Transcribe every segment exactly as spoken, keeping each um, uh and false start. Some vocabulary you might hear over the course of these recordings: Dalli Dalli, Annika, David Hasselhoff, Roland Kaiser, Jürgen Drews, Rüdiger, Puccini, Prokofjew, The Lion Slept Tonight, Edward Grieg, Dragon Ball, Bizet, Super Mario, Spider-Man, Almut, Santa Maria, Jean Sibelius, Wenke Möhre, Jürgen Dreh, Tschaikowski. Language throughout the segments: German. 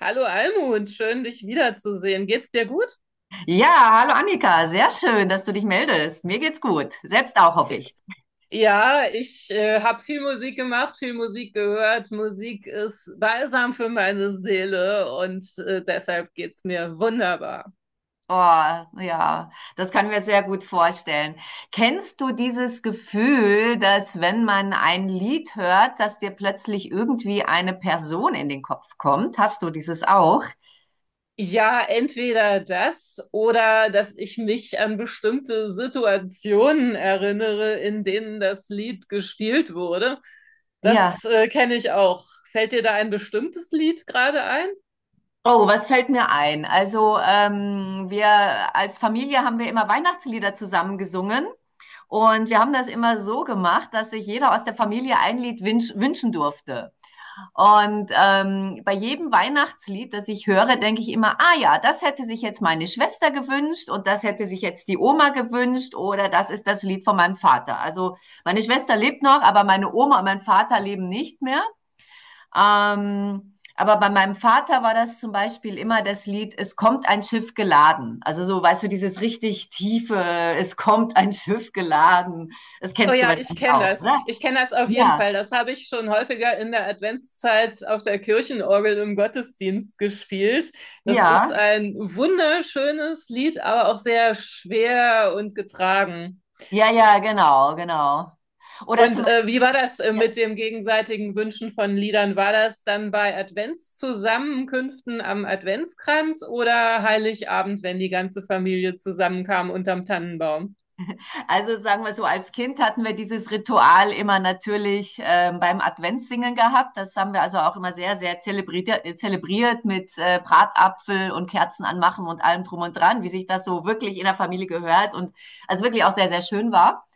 Hallo Almut, schön dich wiederzusehen. Geht's dir gut? Ja, hallo Annika, sehr schön, dass du dich meldest. Mir geht's gut, selbst auch, hoffe ich. Ja, ich äh, habe viel Musik gemacht, viel Musik gehört. Musik ist balsam für meine Seele und äh, deshalb geht's mir wunderbar. Oh, ja, das kann mir sehr gut vorstellen. Kennst du dieses Gefühl, dass wenn man ein Lied hört, dass dir plötzlich irgendwie eine Person in den Kopf kommt? Hast du dieses auch? Ja, entweder das oder dass ich mich an bestimmte Situationen erinnere, in denen das Lied gespielt wurde. Ja. Das äh, kenne ich auch. Fällt dir da ein bestimmtes Lied gerade ein? Oh, was fällt mir ein? Also, ähm, wir als Familie haben wir immer Weihnachtslieder zusammen gesungen und wir haben das immer so gemacht, dass sich jeder aus der Familie ein Lied wünsch wünschen durfte. Und ähm, bei jedem Weihnachtslied, das ich höre, denke ich immer, ah ja, das hätte sich jetzt meine Schwester gewünscht und das hätte sich jetzt die Oma gewünscht oder das ist das Lied von meinem Vater. Also meine Schwester lebt noch, aber meine Oma und mein Vater leben nicht mehr. Ähm, aber bei meinem Vater war das zum Beispiel immer das Lied, es kommt ein Schiff geladen. Also so, weißt du, dieses richtig tiefe, es kommt ein Schiff geladen. Das Oh kennst du ja, ich wahrscheinlich kenne auch, das. oder? Ich kenne das auf jeden Ja, Fall. Das habe ich schon häufiger in der Adventszeit auf der Kirchenorgel im Gottesdienst gespielt. Das ist ja. ein wunderschönes Lied, aber auch sehr schwer und getragen. Ja, ja, genau, genau. Oder Und zum äh, wie war Beispiel, das äh, ja, mit dem gegenseitigen Wünschen von Liedern? War das dann bei Adventszusammenkünften am Adventskranz oder Heiligabend, wenn die ganze Familie zusammenkam unterm Tannenbaum? also sagen wir so, als Kind hatten wir dieses Ritual immer natürlich ähm, beim Adventssingen gehabt. Das haben wir also auch immer sehr, sehr zelebriert, äh, zelebriert mit äh, Bratapfel und Kerzen anmachen und allem drum und dran, wie sich das so wirklich in der Familie gehört und also wirklich auch sehr, sehr schön war.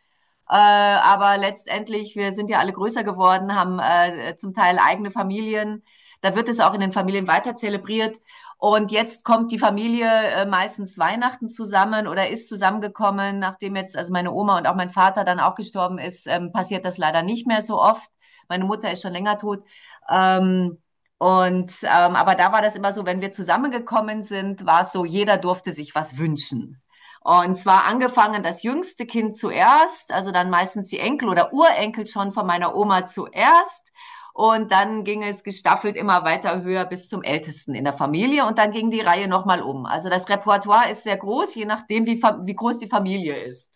Äh, aber letztendlich, wir sind ja alle größer geworden, haben äh, zum Teil eigene Familien. Da wird es auch in den Familien weiter zelebriert. Und jetzt kommt die Familie äh, meistens Weihnachten zusammen oder ist zusammengekommen, nachdem jetzt also meine Oma und auch mein Vater dann auch gestorben ist, ähm, passiert das leider nicht mehr so oft. Meine Mutter ist schon länger tot. Ähm, und ähm, aber da war das immer so, wenn wir zusammengekommen sind, war es so, jeder durfte sich was wünschen. Und zwar angefangen das jüngste Kind zuerst, also dann meistens die Enkel oder Urenkel schon von meiner Oma zuerst. Und dann ging es gestaffelt immer weiter höher bis zum Ältesten in der Familie. Und dann ging die Reihe nochmal um. Also das Repertoire ist sehr groß, je nachdem, wie, wie groß die Familie ist.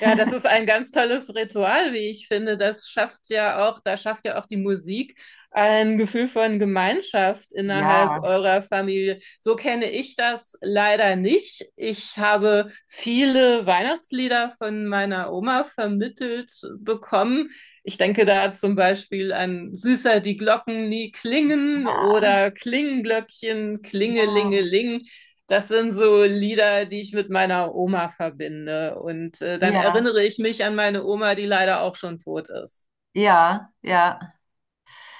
Ja, das ist ein ganz tolles Ritual, wie ich finde. Das schafft ja auch, da schafft ja auch die Musik ein Gefühl von Gemeinschaft innerhalb Ja, eurer Familie. So kenne ich das leider nicht. Ich habe viele Weihnachtslieder von meiner Oma vermittelt bekommen. Ich denke da zum Beispiel an Süßer die Glocken nie klingen ja, oder Klingenglöckchen, Klingelingeling. Das sind so Lieder, die ich mit meiner Oma verbinde. Und äh, dann ja. erinnere ich mich an meine Oma, die leider auch schon tot ist. Ja, ja.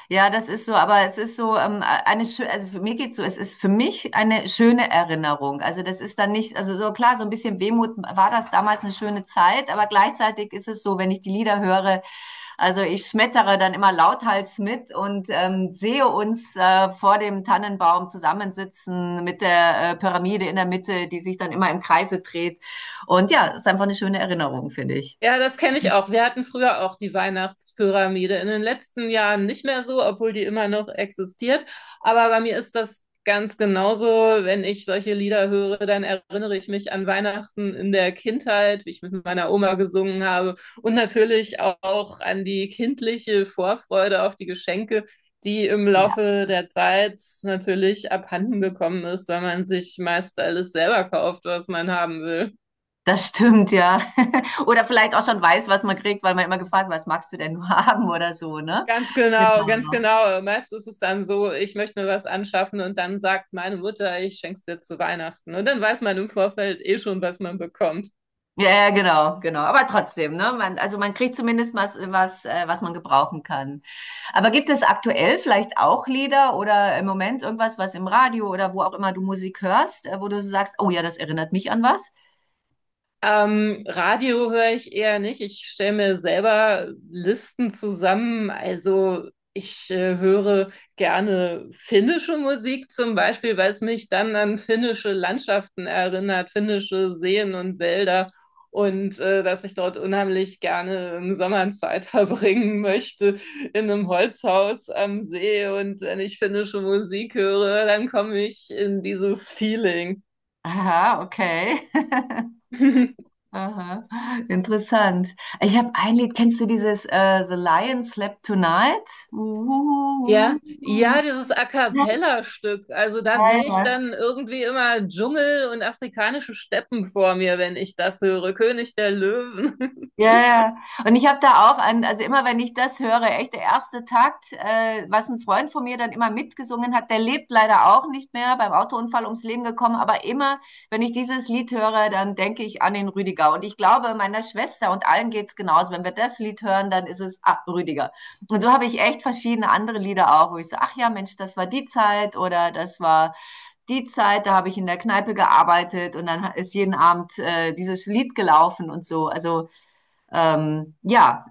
Ja, das ist so, aber es ist so ähm, eine schöne, also für mir geht's so, es ist für mich eine schöne Erinnerung. Also das ist dann nicht, also so klar, so ein bisschen Wehmut war das damals eine schöne Zeit, aber gleichzeitig ist es so, wenn ich die Lieder höre, also ich schmettere dann immer lauthals mit und ähm, sehe uns äh, vor dem Tannenbaum zusammensitzen mit der äh, Pyramide in der Mitte, die sich dann immer im Kreise dreht. Und ja, es ist einfach eine schöne Erinnerung, finde ich. Ja, das kenne ich auch. Wir hatten früher auch die Weihnachtspyramide. In den letzten Jahren nicht mehr so, obwohl die immer noch existiert. Aber bei mir ist das ganz genauso. Wenn ich solche Lieder höre, dann erinnere ich mich an Weihnachten in der Kindheit, wie ich mit meiner Oma gesungen habe. Und natürlich auch an die kindliche Vorfreude auf die Geschenke, die im Laufe der Zeit natürlich abhanden gekommen ist, weil man sich meist alles selber kauft, was man haben will. Das stimmt, ja. Oder vielleicht auch schon weiß, was man kriegt, weil man immer gefragt, was magst du denn nur haben oder so, ne? Ganz genau, ganz Genau. genau. Meist ist es dann so, ich möchte mir was anschaffen und dann sagt meine Mutter, ich schenk's dir zu Weihnachten. Und dann weiß man im Vorfeld eh schon, was man bekommt. Ja, ja, genau, genau. Aber trotzdem, ne? Man, also man kriegt zumindest was, was, äh, was man gebrauchen kann. Aber gibt es aktuell vielleicht auch Lieder oder im Moment irgendwas, was im Radio oder wo auch immer du Musik hörst, äh, wo du so sagst, oh ja, das erinnert mich an was? Ähm, Radio höre ich eher nicht. Ich stelle mir selber Listen zusammen. Also ich äh, höre gerne finnische Musik zum Beispiel, weil es mich dann an finnische Landschaften erinnert, finnische Seen und Wälder und äh, dass ich dort unheimlich gerne im Sommer Zeit verbringen möchte in einem Holzhaus am See. Und wenn ich finnische Musik höre, dann komme ich in dieses Feeling. Aha, okay. Aha, interessant. Ich habe ein Lied, kennst du dieses äh, The Lion Slept Tonight? Ja, ja, dieses A Ja, ja. cappella-Stück. Also da sehe ich Ja. dann irgendwie immer Dschungel und afrikanische Steppen vor mir, wenn ich das höre. König der Löwen. Ja, ja. Und ich habe da auch an, also immer wenn ich das höre, echt der erste Takt, äh, was ein Freund von mir dann immer mitgesungen hat, der lebt leider auch nicht mehr, beim Autounfall ums Leben gekommen, aber immer, wenn ich dieses Lied höre, dann denke ich an den Rüdiger. Und ich glaube, meiner Schwester und allen geht's genauso. Wenn wir das Lied hören, dann ist es ah, Rüdiger. Und so habe ich echt verschiedene andere Lieder auch, wo ich so, ach ja, Mensch, das war die Zeit oder das war die Zeit, da habe ich in der Kneipe gearbeitet und dann ist jeden Abend äh, dieses Lied gelaufen und so. Also ähm, ja.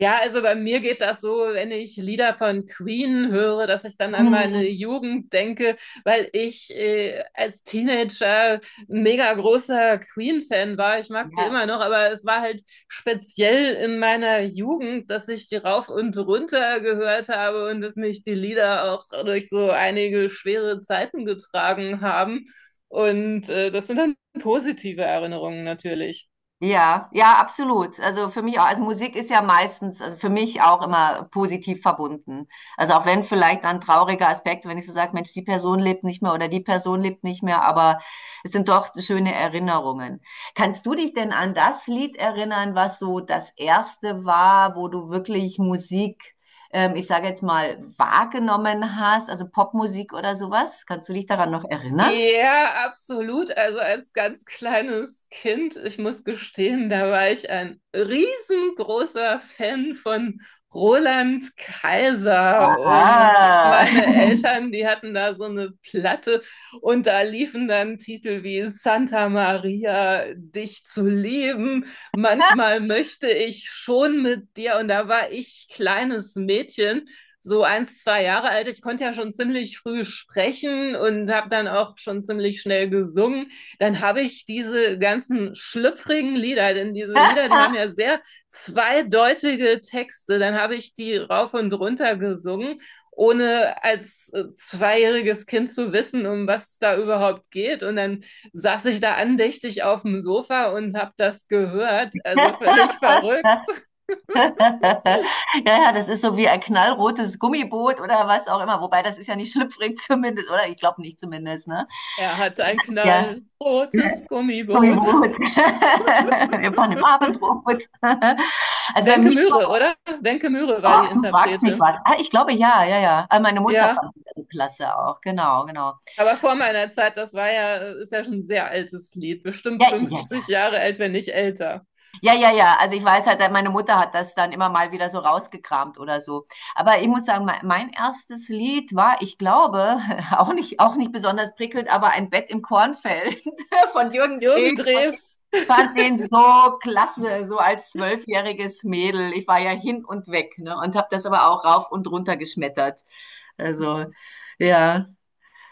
Ja, also bei mir geht das so, wenn ich Lieder von Queen höre, dass ich dann an meine Hm, Jugend denke, weil ich äh, als Teenager ein mega großer Queen-Fan war. Ich mag die ja. immer noch, aber es war halt speziell in meiner Jugend, dass ich die rauf und runter gehört habe und dass mich die Lieder auch durch so einige schwere Zeiten getragen haben. Und äh, das sind dann positive Erinnerungen natürlich. Ja, ja, absolut. Also für mich auch, also Musik ist ja meistens, also für mich auch immer positiv verbunden. Also auch wenn vielleicht dann trauriger Aspekt, wenn ich so sage, Mensch, die Person lebt nicht mehr oder die Person lebt nicht mehr, aber es sind doch schöne Erinnerungen. Kannst du dich denn an das Lied erinnern, was so das erste war, wo du wirklich Musik, ähm, ich sage jetzt mal, wahrgenommen hast, also Popmusik oder sowas? Kannst du dich daran noch erinnern? Ja, absolut. Also als ganz kleines Kind, ich muss gestehen, da war ich ein riesengroßer Fan von Roland Kaiser und meine Ah. Eltern, die hatten da so eine Platte und da liefen dann Titel wie Santa Maria, dich zu lieben, manchmal möchte ich schon mit dir und da war ich kleines Mädchen so eins, zwei Jahre alt. Ich konnte ja schon ziemlich früh sprechen und habe dann auch schon ziemlich schnell gesungen. Dann habe ich diese ganzen schlüpfrigen Lieder, denn diese Lieder, die haben ja sehr zweideutige Texte, dann habe ich die rauf und runter gesungen, ohne als äh, zweijähriges Kind zu wissen, um was es da überhaupt geht. Und dann saß ich da andächtig auf dem Sofa und habe das gehört. Also völlig verrückt. Ja, ja, das ist so wie ein knallrotes Gummiboot oder was auch immer. Wobei, das ist ja nicht schlüpfrig zumindest, oder? Ich glaube nicht zumindest, ne? Er hat ein Ja, knallrotes Gummiboot. Gummiboot. Wir fahren im Abendrot. Also bei Wenke mir, Möhre, oder? Wenke Möhre war ach, die du fragst mich Interpretin. was. Ah, ich glaube, ja, ja, ja. Ah, meine Mutter Ja, fand das so klasse auch. Genau, genau. aber vor meiner Zeit, das war ja, äh, ist ja schon ein sehr altes Lied. Bestimmt Ja, ja, fünfzig ja. Jahre alt, wenn nicht älter. Ja, ja, ja. Also ich weiß halt, meine Mutter hat das dann immer mal wieder so rausgekramt oder so. Aber ich muss sagen, mein, mein erstes Lied war, ich glaube, auch nicht, auch nicht besonders prickelnd, aber ein Bett im Kornfeld von Jürgen Dreh. Jürgen Ich Drews, fand den so klasse, so als zwölfjähriges Mädel. Ich war ja hin und weg, ne? Und habe das aber auch rauf und runter geschmettert. Also ja,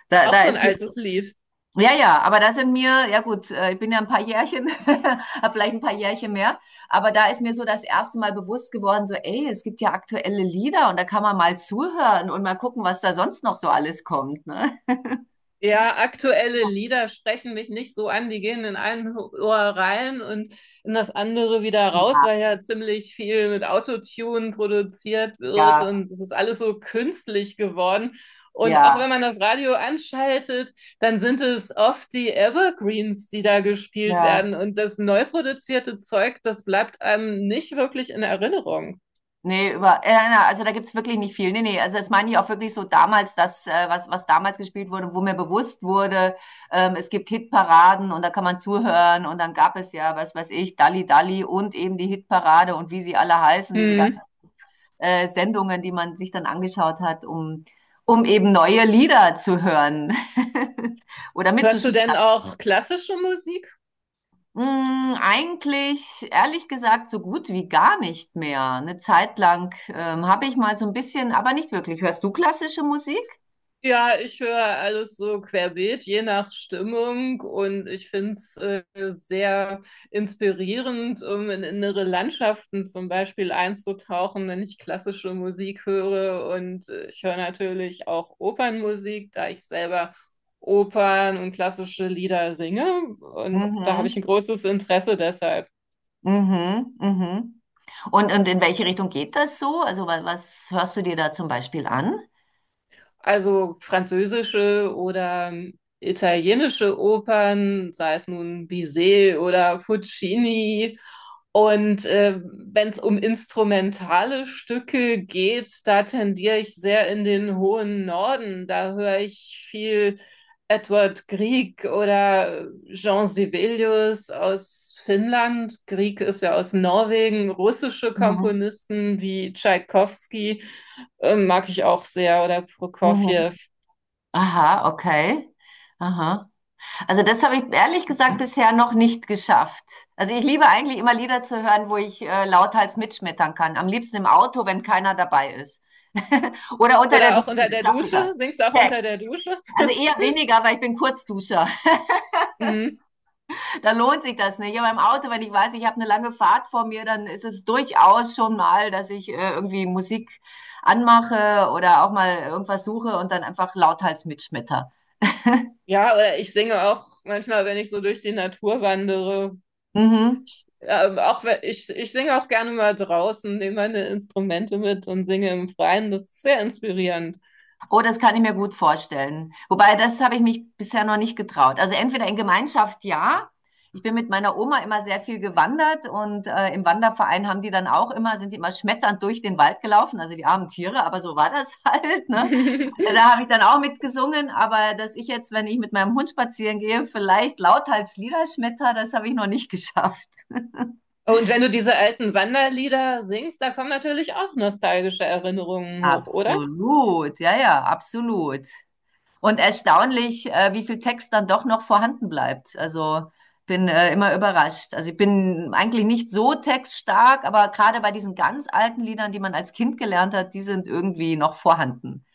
da, auch da so ein ist altes Lied. ja, ja, aber da sind mir, ja gut, äh, ich bin ja ein paar Jährchen, habe vielleicht ein paar Jährchen mehr, aber da ist mir so das erste Mal bewusst geworden, so, ey, es gibt ja aktuelle Lieder und da kann man mal zuhören und mal gucken, was da sonst noch so alles kommt, ne? Ja, aktuelle Lieder sprechen mich nicht so an. Die gehen in ein Ohr rein und in das andere wieder raus, Ja, weil ja ziemlich viel mit Autotune produziert wird ja, und es ist alles so künstlich geworden. Und auch ja. wenn man das Radio anschaltet, dann sind es oft die Evergreens, die da gespielt Ja. werden. Und das neu produzierte Zeug, das bleibt einem nicht wirklich in Erinnerung. Nee, über, äh, na, also da gibt's wirklich nicht viel. Nee, nee, also das meine ich auch wirklich so damals, das, äh, was, was damals gespielt wurde, wo mir bewusst wurde, ähm, es gibt Hitparaden und da kann man zuhören und dann gab es ja, was weiß ich, Dalli Dalli und eben die Hitparade und wie sie alle heißen, diese Hm. ganzen äh, Sendungen, die man sich dann angeschaut hat, um, um eben neue Lieder zu hören oder Hörst du mitzuschmecken. denn auch klassische Musik? Hm, eigentlich, ehrlich gesagt, so gut wie gar nicht mehr. Eine Zeit lang ähm, habe ich mal so ein bisschen, aber nicht wirklich. Hörst du klassische Musik? Ja, ich höre alles so querbeet, je nach Stimmung und ich finde es äh, sehr inspirierend, um in innere Landschaften zum Beispiel einzutauchen, wenn ich klassische Musik höre und äh, ich höre natürlich auch Opernmusik, da ich selber Opern und klassische Lieder singe und da habe Mhm, ich ein großes Interesse deshalb. mhm, mhm. Und, und in welche Richtung geht das so? Also, was, was hörst du dir da zum Beispiel an? Also französische oder ähm, italienische Opern, sei es nun Bizet oder Puccini. Und äh, wenn es um instrumentale Stücke geht, da tendiere ich sehr in den hohen Norden. Da höre ich viel Edward Grieg oder Jean Sibelius aus Finnland. Grieg ist ja aus Norwegen, russische Mhm, Komponisten wie Tschaikowski äh, mag ich auch sehr. Oder Prokofjew. mhm. Aha, okay. Aha. Also das habe ich ehrlich gesagt bisher noch nicht geschafft. Also ich liebe eigentlich immer Lieder zu hören, wo ich äh, lauthals mitschmettern kann. Am liebsten im Auto, wenn keiner dabei ist. Oder unter der Oder auch Dusche, unter der Dusche. Klassiker. Singst du auch Okay. unter der Dusche? Also eher weniger, weil ich bin Kurzduscher. Mhm. Da lohnt sich das nicht. Aber im Auto, wenn ich weiß, ich habe eine lange Fahrt vor mir, dann ist es durchaus schon mal, dass ich äh, irgendwie Musik anmache oder auch mal irgendwas suche und dann einfach lauthals mitschmetter. Ja, oder ich singe auch manchmal, wenn ich so durch die Natur wandere. Mhm. Ähm, auch wenn- ich, ich singe auch gerne mal draußen, nehme meine Instrumente mit und singe im Freien. Das ist sehr inspirierend. Oh, das kann ich mir gut vorstellen. Wobei, das habe ich mich bisher noch nicht getraut. Also entweder in Gemeinschaft, ja. Ich bin mit meiner Oma immer sehr viel gewandert und äh, im Wanderverein haben die dann auch immer, sind die immer schmetternd durch den Wald gelaufen, also die armen Tiere, aber so war das halt. Ne? Da habe ich dann auch mitgesungen, aber dass ich jetzt, wenn ich mit meinem Hund spazieren gehe, vielleicht lauthals Lieder schmetter, das habe ich noch nicht geschafft. Und wenn du diese alten Wanderlieder singst, da kommen natürlich auch nostalgische Erinnerungen hoch, oder? Absolut, ja, ja, absolut. Und erstaunlich, äh, wie viel Text dann doch noch vorhanden bleibt. Also bin äh, immer überrascht. Also ich bin eigentlich nicht so textstark, aber gerade bei diesen ganz alten Liedern, die man als Kind gelernt hat, die sind irgendwie noch vorhanden.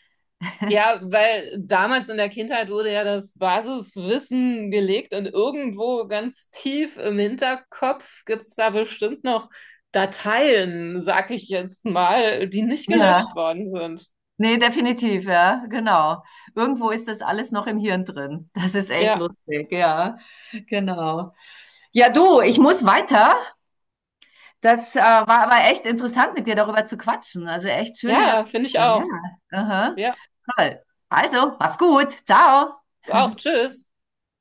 Ja, weil damals in der Kindheit wurde ja das Basiswissen gelegt und irgendwo ganz tief im Hinterkopf gibt's da bestimmt noch Dateien, sag ich jetzt mal, die nicht Ja, gelöscht worden sind. nee, definitiv, ja, genau. Irgendwo ist das alles noch im Hirn drin. Das ist echt Ja, lustig, ja, genau. Ja, du, ich muss weiter. Das äh, war, aber echt interessant, mit dir darüber zu quatschen. Also echt schöne ja, finde ich Erinnerungen. auch. Ja. Aha. Ja, Toll. Also, mach's gut. Ciao. auch. Tschüss.